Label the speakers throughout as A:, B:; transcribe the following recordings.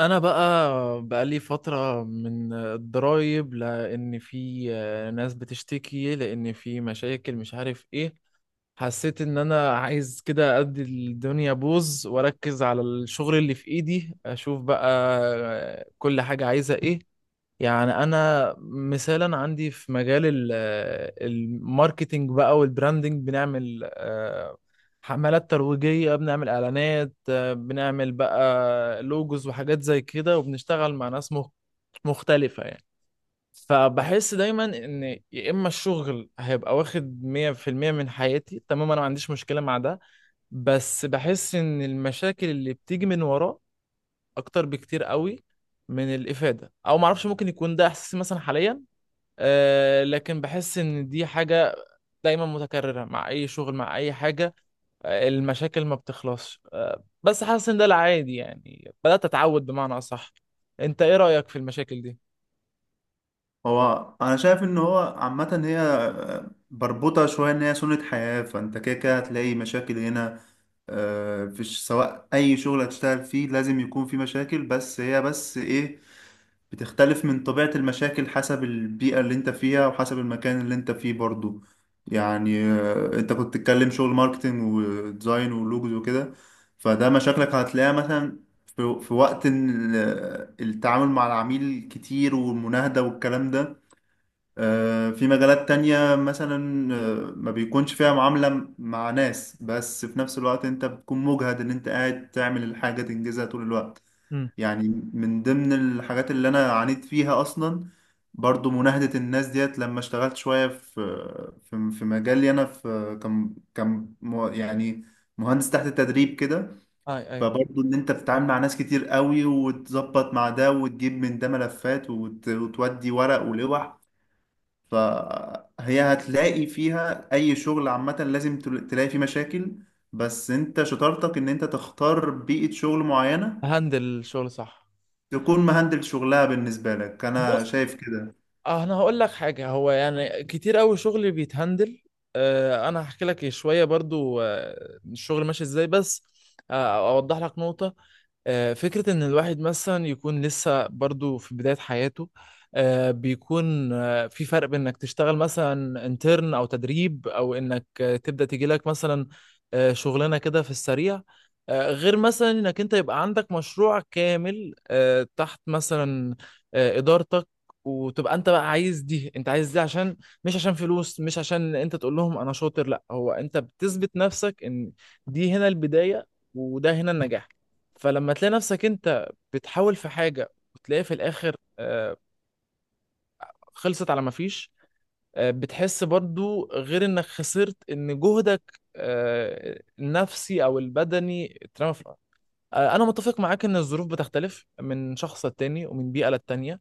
A: انا بقى بقالي فترة من الضرايب لان في ناس بتشتكي، لان في مشاكل مش عارف ايه. حسيت ان انا عايز كده ادي الدنيا بوز واركز على الشغل اللي في ايدي، اشوف بقى كل حاجة عايزة ايه. يعني انا مثالا عندي في مجال الماركتينج بقى والبراندنج، بنعمل حملات ترويجية، بنعمل اعلانات، بنعمل بقى لوجوز وحاجات زي كده، وبنشتغل مع ناس مختلفة يعني. فبحس دايما ان يا اما الشغل هيبقى واخد 100% من حياتي، تمام، انا ما عنديش مشكلة مع ده. بس بحس ان المشاكل اللي بتيجي من وراه اكتر بكتير قوي من الافاده، او معرفش، ممكن يكون ده احساسي مثلا حاليا. لكن بحس ان دي حاجة دايما متكررة مع اي شغل، مع اي حاجة. المشاكل ما بتخلصش، بس حاسس ان ده العادي، يعني بدأت اتعود بمعنى اصح. انت ايه رأيك في المشاكل دي؟
B: هو انا شايف ان هو عامه هي بربطه شويه ان هي سنه حياه، فانت كده كده هتلاقي مشاكل هنا. فيش سواء اي شغل هتشتغل فيه لازم يكون فيه مشاكل، بس هي بس ايه بتختلف من طبيعه المشاكل حسب البيئه اللي انت فيها وحسب المكان اللي انت فيه برضو. يعني انت كنت تتكلم شغل ماركتينج وديزاين ولوجوز وكده، فده مشاكلك هتلاقيها مثلا في وقت إن التعامل مع العميل كتير، والمناهدة والكلام ده. في مجالات تانية مثلا ما بيكونش فيها معاملة مع ناس، بس في نفس الوقت انت بتكون مجهد ان انت قاعد تعمل الحاجة تنجزها طول الوقت.
A: مم.
B: يعني من ضمن الحاجات اللي انا عانيت فيها اصلا برضو مناهدة الناس ديت، لما اشتغلت شوية في في مجالي انا، في كم يعني مهندس تحت التدريب كده،
A: اي اي،
B: فبرضو ان انت بتتعامل مع ناس كتير قوي، وتظبط مع ده وتجيب من ده ملفات وتودي ورق ولوح. فهي هتلاقي فيها اي شغل عامة لازم تلاقي فيه مشاكل، بس انت شطارتك ان انت تختار بيئة شغل معينة
A: هندل الشغل صح.
B: تكون مهندل شغلها بالنسبة لك. انا
A: بص،
B: شايف كده.
A: اه انا هقول لك حاجه. هو يعني كتير قوي شغل بيتهندل. آه انا هحكي لك شويه برضو، الشغل ماشي ازاي بس. اوضح لك نقطه. فكره ان الواحد مثلا يكون لسه برضو في بدايه حياته، بيكون في فرق بين انك تشتغل مثلا انترن او تدريب، او انك تبدا تيجي لك مثلا شغلانه كده في السريع، غير مثلا انك انت يبقى عندك مشروع كامل تحت مثلا ادارتك. وتبقى انت بقى عايز دي، انت عايز دي عشان، مش عشان فلوس، مش عشان انت تقول لهم انا شاطر، لا، هو انت بتثبت نفسك ان دي هنا البداية، وده هنا النجاح. فلما تلاقي نفسك انت بتحاول في حاجة، وتلاقي في الاخر خلصت على ما فيش، بتحس برضو غير انك خسرت، ان جهدك النفسي او البدني اترمى في الارض. انا متفق معاك ان الظروف بتختلف من شخص للتاني، ومن بيئة للتانية،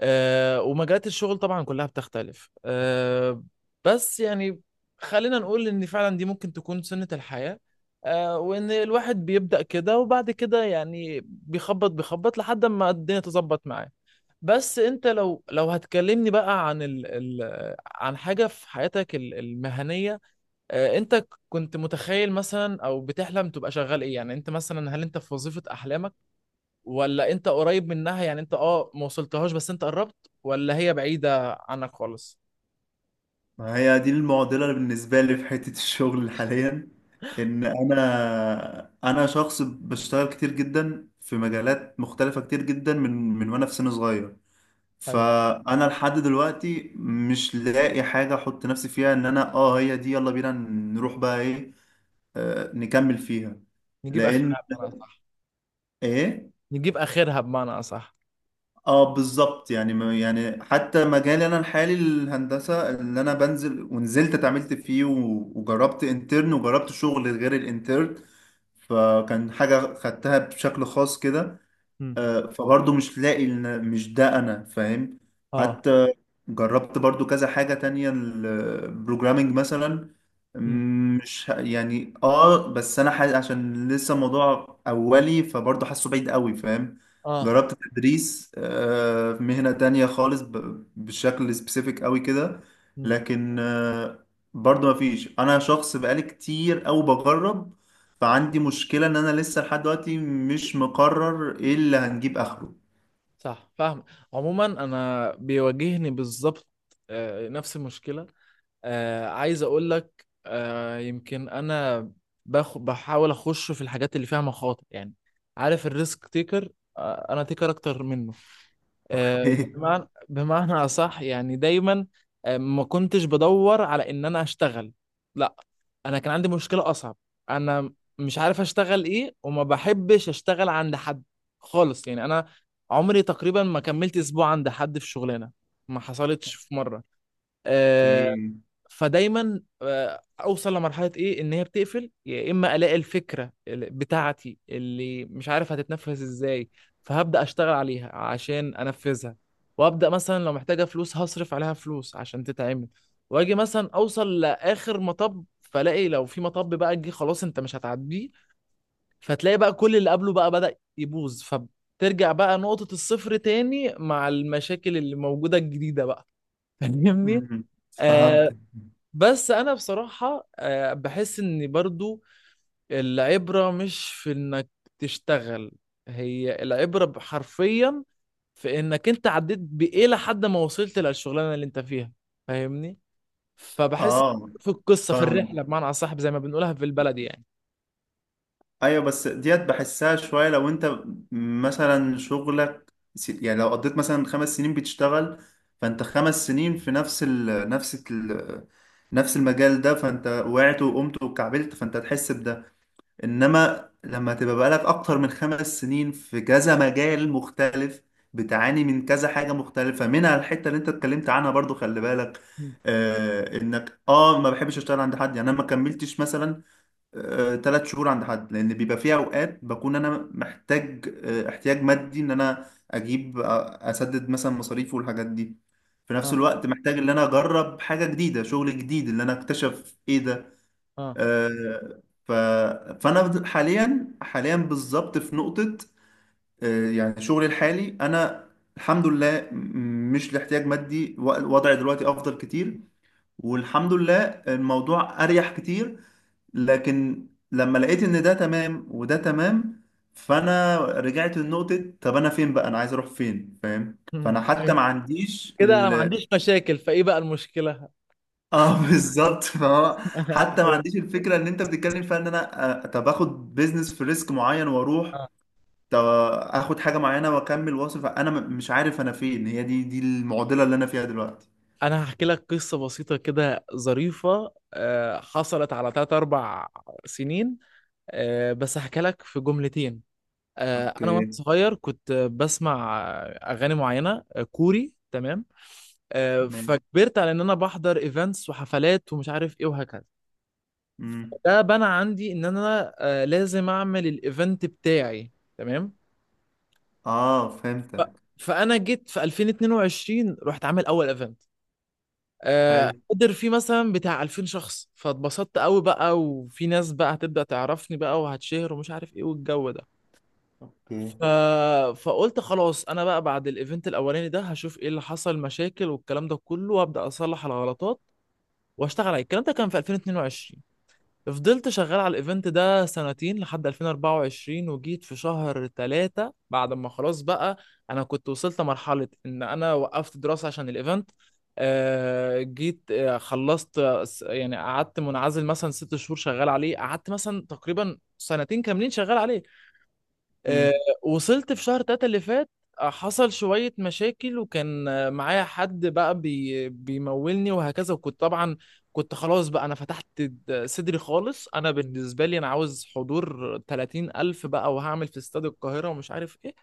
A: ومجالات الشغل طبعا كلها بتختلف، بس يعني خلينا نقول ان فعلا دي ممكن تكون سنة الحياة، وان الواحد بيبدأ كده، وبعد كده يعني بيخبط لحد ما الدنيا تظبط معاه. بس انت لو هتكلمني بقى عن ال ال عن حاجة في حياتك المهنية، انت كنت متخيل مثلا او بتحلم تبقى شغال ايه؟ يعني انت مثلا هل انت في وظيفة احلامك، ولا انت قريب منها؟ يعني انت ما وصلتهاش، بس انت قربت، ولا هي بعيدة عنك خالص؟
B: ما هي دي المعضلة بالنسبة لي في حتة الشغل حاليا، ان انا شخص بشتغل كتير جدا في مجالات مختلفة كتير جدا من وانا في سن صغير.
A: حلو.
B: فانا لحد دلوقتي مش لاقي حاجه احط نفسي فيها ان انا هي دي، يلا بينا نروح بقى ايه، نكمل فيها،
A: نجيب
B: لان
A: اخرها بمعنى
B: ايه.
A: نجيب اخرها بمعنى اصح.
B: اه بالظبط، يعني يعني حتى مجالي انا الحالي الهندسه اللي انا بنزل ونزلت اتعاملت فيه وجربت انترن وجربت شغل غير الانترن، فكان حاجه خدتها بشكل خاص كده.
A: مم.
B: فبرضه مش لاقي إن مش ده انا، فاهم؟
A: اه.
B: حتى جربت برضه كذا حاجة تانية، البروجرامينج مثلا.
A: مم.
B: مش يعني بس انا عشان لسه موضوع اولي فبرضه حاسه بعيد قوي، فاهم؟
A: اه.
B: جربت تدريس في مهنة تانية خالص بشكل سبيسيفيك قوي كده.
A: مم.
B: لكن برضه مفيش. انا شخص بقالي كتير او بجرب، فعندي مشكلة ان انا لسه لحد دلوقتي مش مقرر ايه اللي هنجيب اخره.
A: صح، فاهم. عموما انا بيواجهني بالظبط نفس المشكلة. عايز اقول لك، يمكن انا بحاول اخش في الحاجات اللي فيها مخاطر، يعني عارف الريسك تيكر؟ انا تيكر اكتر منه، بمعنى اصح. يعني دايما ما كنتش بدور على ان انا اشتغل، لا، انا كان عندي مشكلة اصعب. انا مش عارف اشتغل ايه، وما بحبش اشتغل عند حد خالص. يعني انا عمري تقريبا ما كملت اسبوع عند حد في شغلانة، ما حصلتش في مرة. آه،
B: اوكي.
A: فدايما اوصل لمرحله ايه، ان هي بتقفل، يا اما الاقي الفكره بتاعتي اللي مش عارف هتتنفذ ازاي، فهبدا اشتغل عليها عشان انفذها، وابدا مثلا لو محتاجه فلوس هصرف عليها فلوس عشان تتعمل، واجي مثلا اوصل لاخر مطب فلاقي لو في مطب بقى جه، خلاص، انت مش هتعديه. فتلاقي بقى كل اللي قبله بقى بدا يبوظ، فبترجع بقى نقطه الصفر تاني مع المشاكل اللي موجوده الجديده بقى. فاهمني؟
B: أمم،
A: آه،
B: فهمتك.
A: بس انا بصراحة بحس ان برضو العبرة مش في انك تشتغل، هي العبرة حرفيا في انك انت عديت بايه لحد ما وصلت للشغلانة اللي انت فيها. فاهمني؟ فبحس
B: اه،
A: في القصة، في
B: فاهمك.
A: الرحلة بمعنى اصح، زي ما بنقولها في البلد يعني.
B: ايوه، بس ديت بحسها شوية. لو انت مثلا شغلك يعني لو قضيت مثلا 5 سنين بتشتغل، فانت 5 سنين في نفس المجال ده، فانت وقعت وقمت وكعبلت فانت هتحس. انما لما تبقى بقالك اكتر من 5 سنين في كذا مجال مختلف، بتعاني من كذا حاجة مختلفة، منها الحتة اللي انت اتكلمت عنها برضو، خلي بالك،
A: مم.
B: انك ما بحبش اشتغل عند حد. يعني انا ما كملتش مثلا 3 شهور عند حد، لان بيبقى في اوقات بكون انا محتاج احتياج مادي ان انا اجيب، اسدد مثلا مصاريفي والحاجات دي. في نفس
A: اه.
B: الوقت محتاج ان انا اجرب حاجة جديدة، شغل جديد، ان انا اكتشف ايه ده.
A: اه.
B: آه، ف... فانا حاليا حاليا بالظبط في نقطة، يعني شغلي الحالي انا الحمد لله مش لاحتياج مادي، وضعي دلوقتي افضل كتير، والحمد لله الموضوع اريح كتير. لكن لما لقيت ان ده تمام وده تمام، فانا رجعت لنقطة: طب انا فين بقى، انا عايز اروح فين، فاهم؟
A: مم.
B: فانا حتى
A: أيوة.
B: ما عنديش.
A: كده انا ما عنديش مشاكل، فايه بقى المشكلة؟
B: اه بالظبط، فهو حتى ما
A: ايوه.
B: عنديش الفكره اللي انت بتتكلم فيها ان انا، طب اخد بيزنس في ريسك معين واروح،
A: آه.
B: طب اخد حاجه معينه واكمل واصل. فانا مش عارف انا فين. هي دي المعضله اللي انا فيها دلوقتي.
A: انا هحكي لك قصة بسيطة كده ظريفة حصلت على 3 4 سنين، بس هحكي لك في جملتين.
B: اوكي،
A: انا وانا صغير كنت بسمع اغاني معينه كوري، تمام؟
B: ماشي،
A: فكبرت على ان انا بحضر ايفنتس وحفلات ومش عارف ايه وهكذا.
B: امم،
A: ده بنى عندي ان انا لازم اعمل الايفنت بتاعي، تمام.
B: اه،
A: ف-
B: فهمتك،
A: فانا جيت في 2022 رحت عامل اول ايفنت
B: حلو،
A: قدر فيه مثلا بتاع 2000 شخص، فاتبسطت قوي بقى، وفي ناس بقى هتبدأ تعرفني بقى، وهتشهر ومش عارف ايه والجو ده.
B: اوكي،
A: ف... فقلت خلاص، انا بقى بعد الايفنت الاولاني ده هشوف ايه اللي حصل مشاكل والكلام ده كله، وابدا اصلح الغلطات واشتغل عليه. الكلام ده كان في 2022، فضلت شغال على الايفنت ده سنتين لحد 2024، وجيت في شهر ثلاثة بعد ما خلاص بقى انا كنت وصلت مرحلة ان انا وقفت دراسة عشان الايفنت. جيت خلصت، يعني قعدت منعزل مثلا 6 شهور شغال عليه، قعدت مثلا تقريبا سنتين كاملين شغال عليه. آه،
B: امم،
A: وصلت في شهر تلاتة اللي فات، حصل شوية مشاكل، وكان معايا حد بقى بيمولني وهكذا، وكنت طبعا كنت خلاص بقى أنا فتحت صدري خالص. أنا بالنسبة لي أنا عاوز حضور 30 ألف بقى، وهعمل في استاد القاهرة ومش عارف إيه.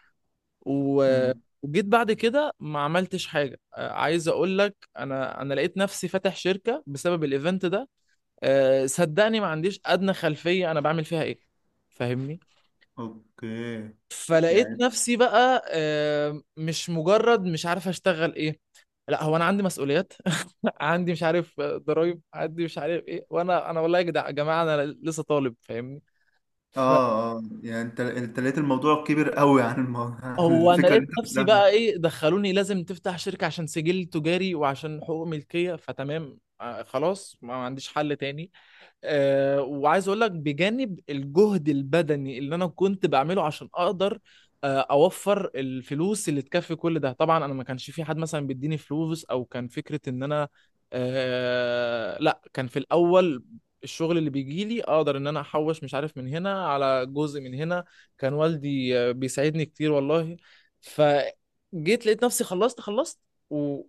A: و-
B: امم،
A: وجيت بعد كده ما عملتش حاجة. عايز أقول لك، أنا لقيت نفسي فاتح شركة بسبب الإيفنت ده. صدقني ما عنديش أدنى خلفية أنا بعمل فيها إيه. فاهمني؟
B: اوكي،
A: فلقيت
B: يعني
A: نفسي بقى مش مجرد مش عارف اشتغل ايه، لا، هو انا عندي مسؤوليات. عندي مش عارف ضرايب، عندي مش عارف ايه. وانا والله يا يا جماعه، انا لسه طالب، فاهمني؟
B: اه اه، يعني انت لقيت الموضوع كبير قوي عن الموضوع، عن
A: فهو انا
B: الفكره اللي
A: لقيت
B: انت
A: نفسي
B: بتقولها
A: بقى
B: دي.
A: ايه؟ دخلوني لازم تفتح شركه عشان سجل تجاري وعشان حقوق ملكيه، فتمام، خلاص، ما عنديش حل تاني. وعايز اقول لك، بجانب الجهد البدني اللي انا كنت بعمله عشان اقدر اوفر الفلوس اللي تكفي كل ده، طبعا انا ما كانش في حد مثلا بيديني فلوس، او كان فكرة ان انا لا، كان في الاول الشغل اللي بيجي لي اقدر ان انا احوش مش عارف من هنا على جزء من هنا. كان والدي بيساعدني كتير والله. فجيت لقيت نفسي خلصت. وايه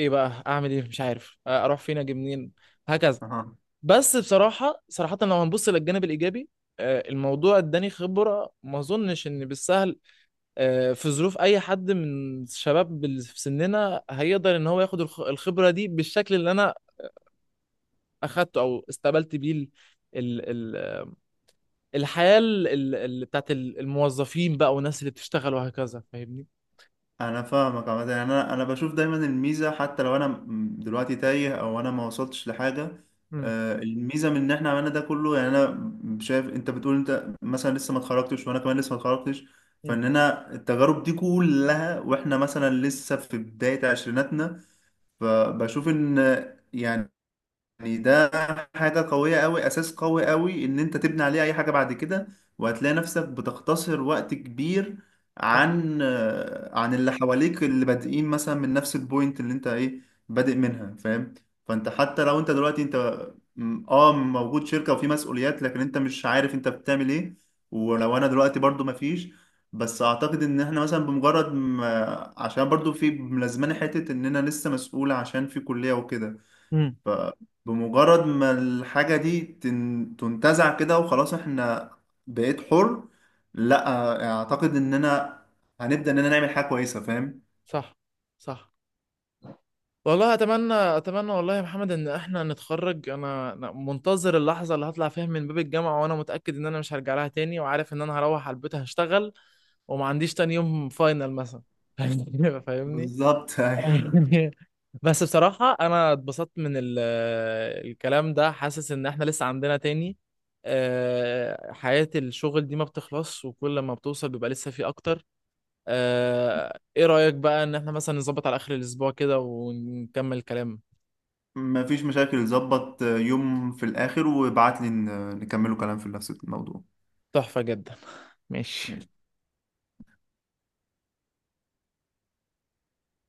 A: بقى اعمل ايه؟ مش عارف اروح فين، اجي منين، هكذا.
B: اها،
A: بس بصراحة صراحة، لو هنبص للجانب الإيجابي، الموضوع اداني خبرة ما أظنش إن بالسهل في ظروف أي حد من الشباب في سننا هيقدر إن هو ياخد الخبرة دي بالشكل اللي أنا أخدته، أو استقبلت بيه ال- ال- الحياة بتاعت الموظفين بقى والناس اللي بتشتغل وهكذا. فاهمني؟
B: انا فاهمك عامه. يعني انا بشوف دايما الميزه، حتى لو انا دلوقتي تايه او انا ما وصلتش لحاجه،
A: امم.
B: الميزه من ان احنا عملنا ده كله. يعني انا شايف انت بتقول انت مثلا لسه ما اتخرجتش وانا كمان لسه ما اتخرجتش،
A: امم.
B: فاننا التجارب دي كلها واحنا مثلا لسه في بدايه عشريناتنا، فبشوف ان، يعني يعني ده حاجة قوية قوي، أساس قوي قوي إن أنت تبني عليه أي حاجة بعد كده، وهتلاقي نفسك بتختصر وقت كبير
A: صح.
B: عن عن اللي حواليك، اللي بادئين مثلا من نفس البوينت اللي أنت إيه بادئ منها، فاهم؟ فأنت حتى لو أنت دلوقتي أنت موجود شركة وفي مسؤوليات، لكن أنت مش عارف أنت بتعمل إيه، ولو أنا دلوقتي برضو مفيش. بس أعتقد إن إحنا مثلا بمجرد ما، عشان برضو في ملازماني حتة إننا لسه مسؤول عشان في كلية وكده،
A: امم.
B: فبمجرد ما الحاجة دي تنتزع كده وخلاص، احنا بقيت حر، لا اعتقد اننا هنبدأ اننا نعمل حاجة كويسة، فاهم؟
A: صح. صح. والله اتمنى، اتمنى والله يا محمد ان احنا نتخرج. انا أنا منتظر اللحظه اللي هطلع فيها من باب الجامعه، وانا متاكد ان انا مش هرجع لها تاني، وعارف ان انا هروح على البيت هشتغل، وما عنديش تاني يوم فاينل مثلا. فاهمني؟ فاهمني؟
B: بالظبط أيوة.
A: بس بصراحه انا اتبسطت من الكلام ده، حاسس ان احنا لسه عندنا تاني. حياه الشغل دي ما بتخلص، وكل ما بتوصل بيبقى لسه في اكتر. ايه رأيك بقى ان احنا مثلا نظبط على اخر الاسبوع كده ونكمل كلام؟
B: مفيش مشاكل. ظبط يوم في الاخر وابعت لي نكملوا كلام في نفس الموضوع.
A: تحفة جدا. ماشي.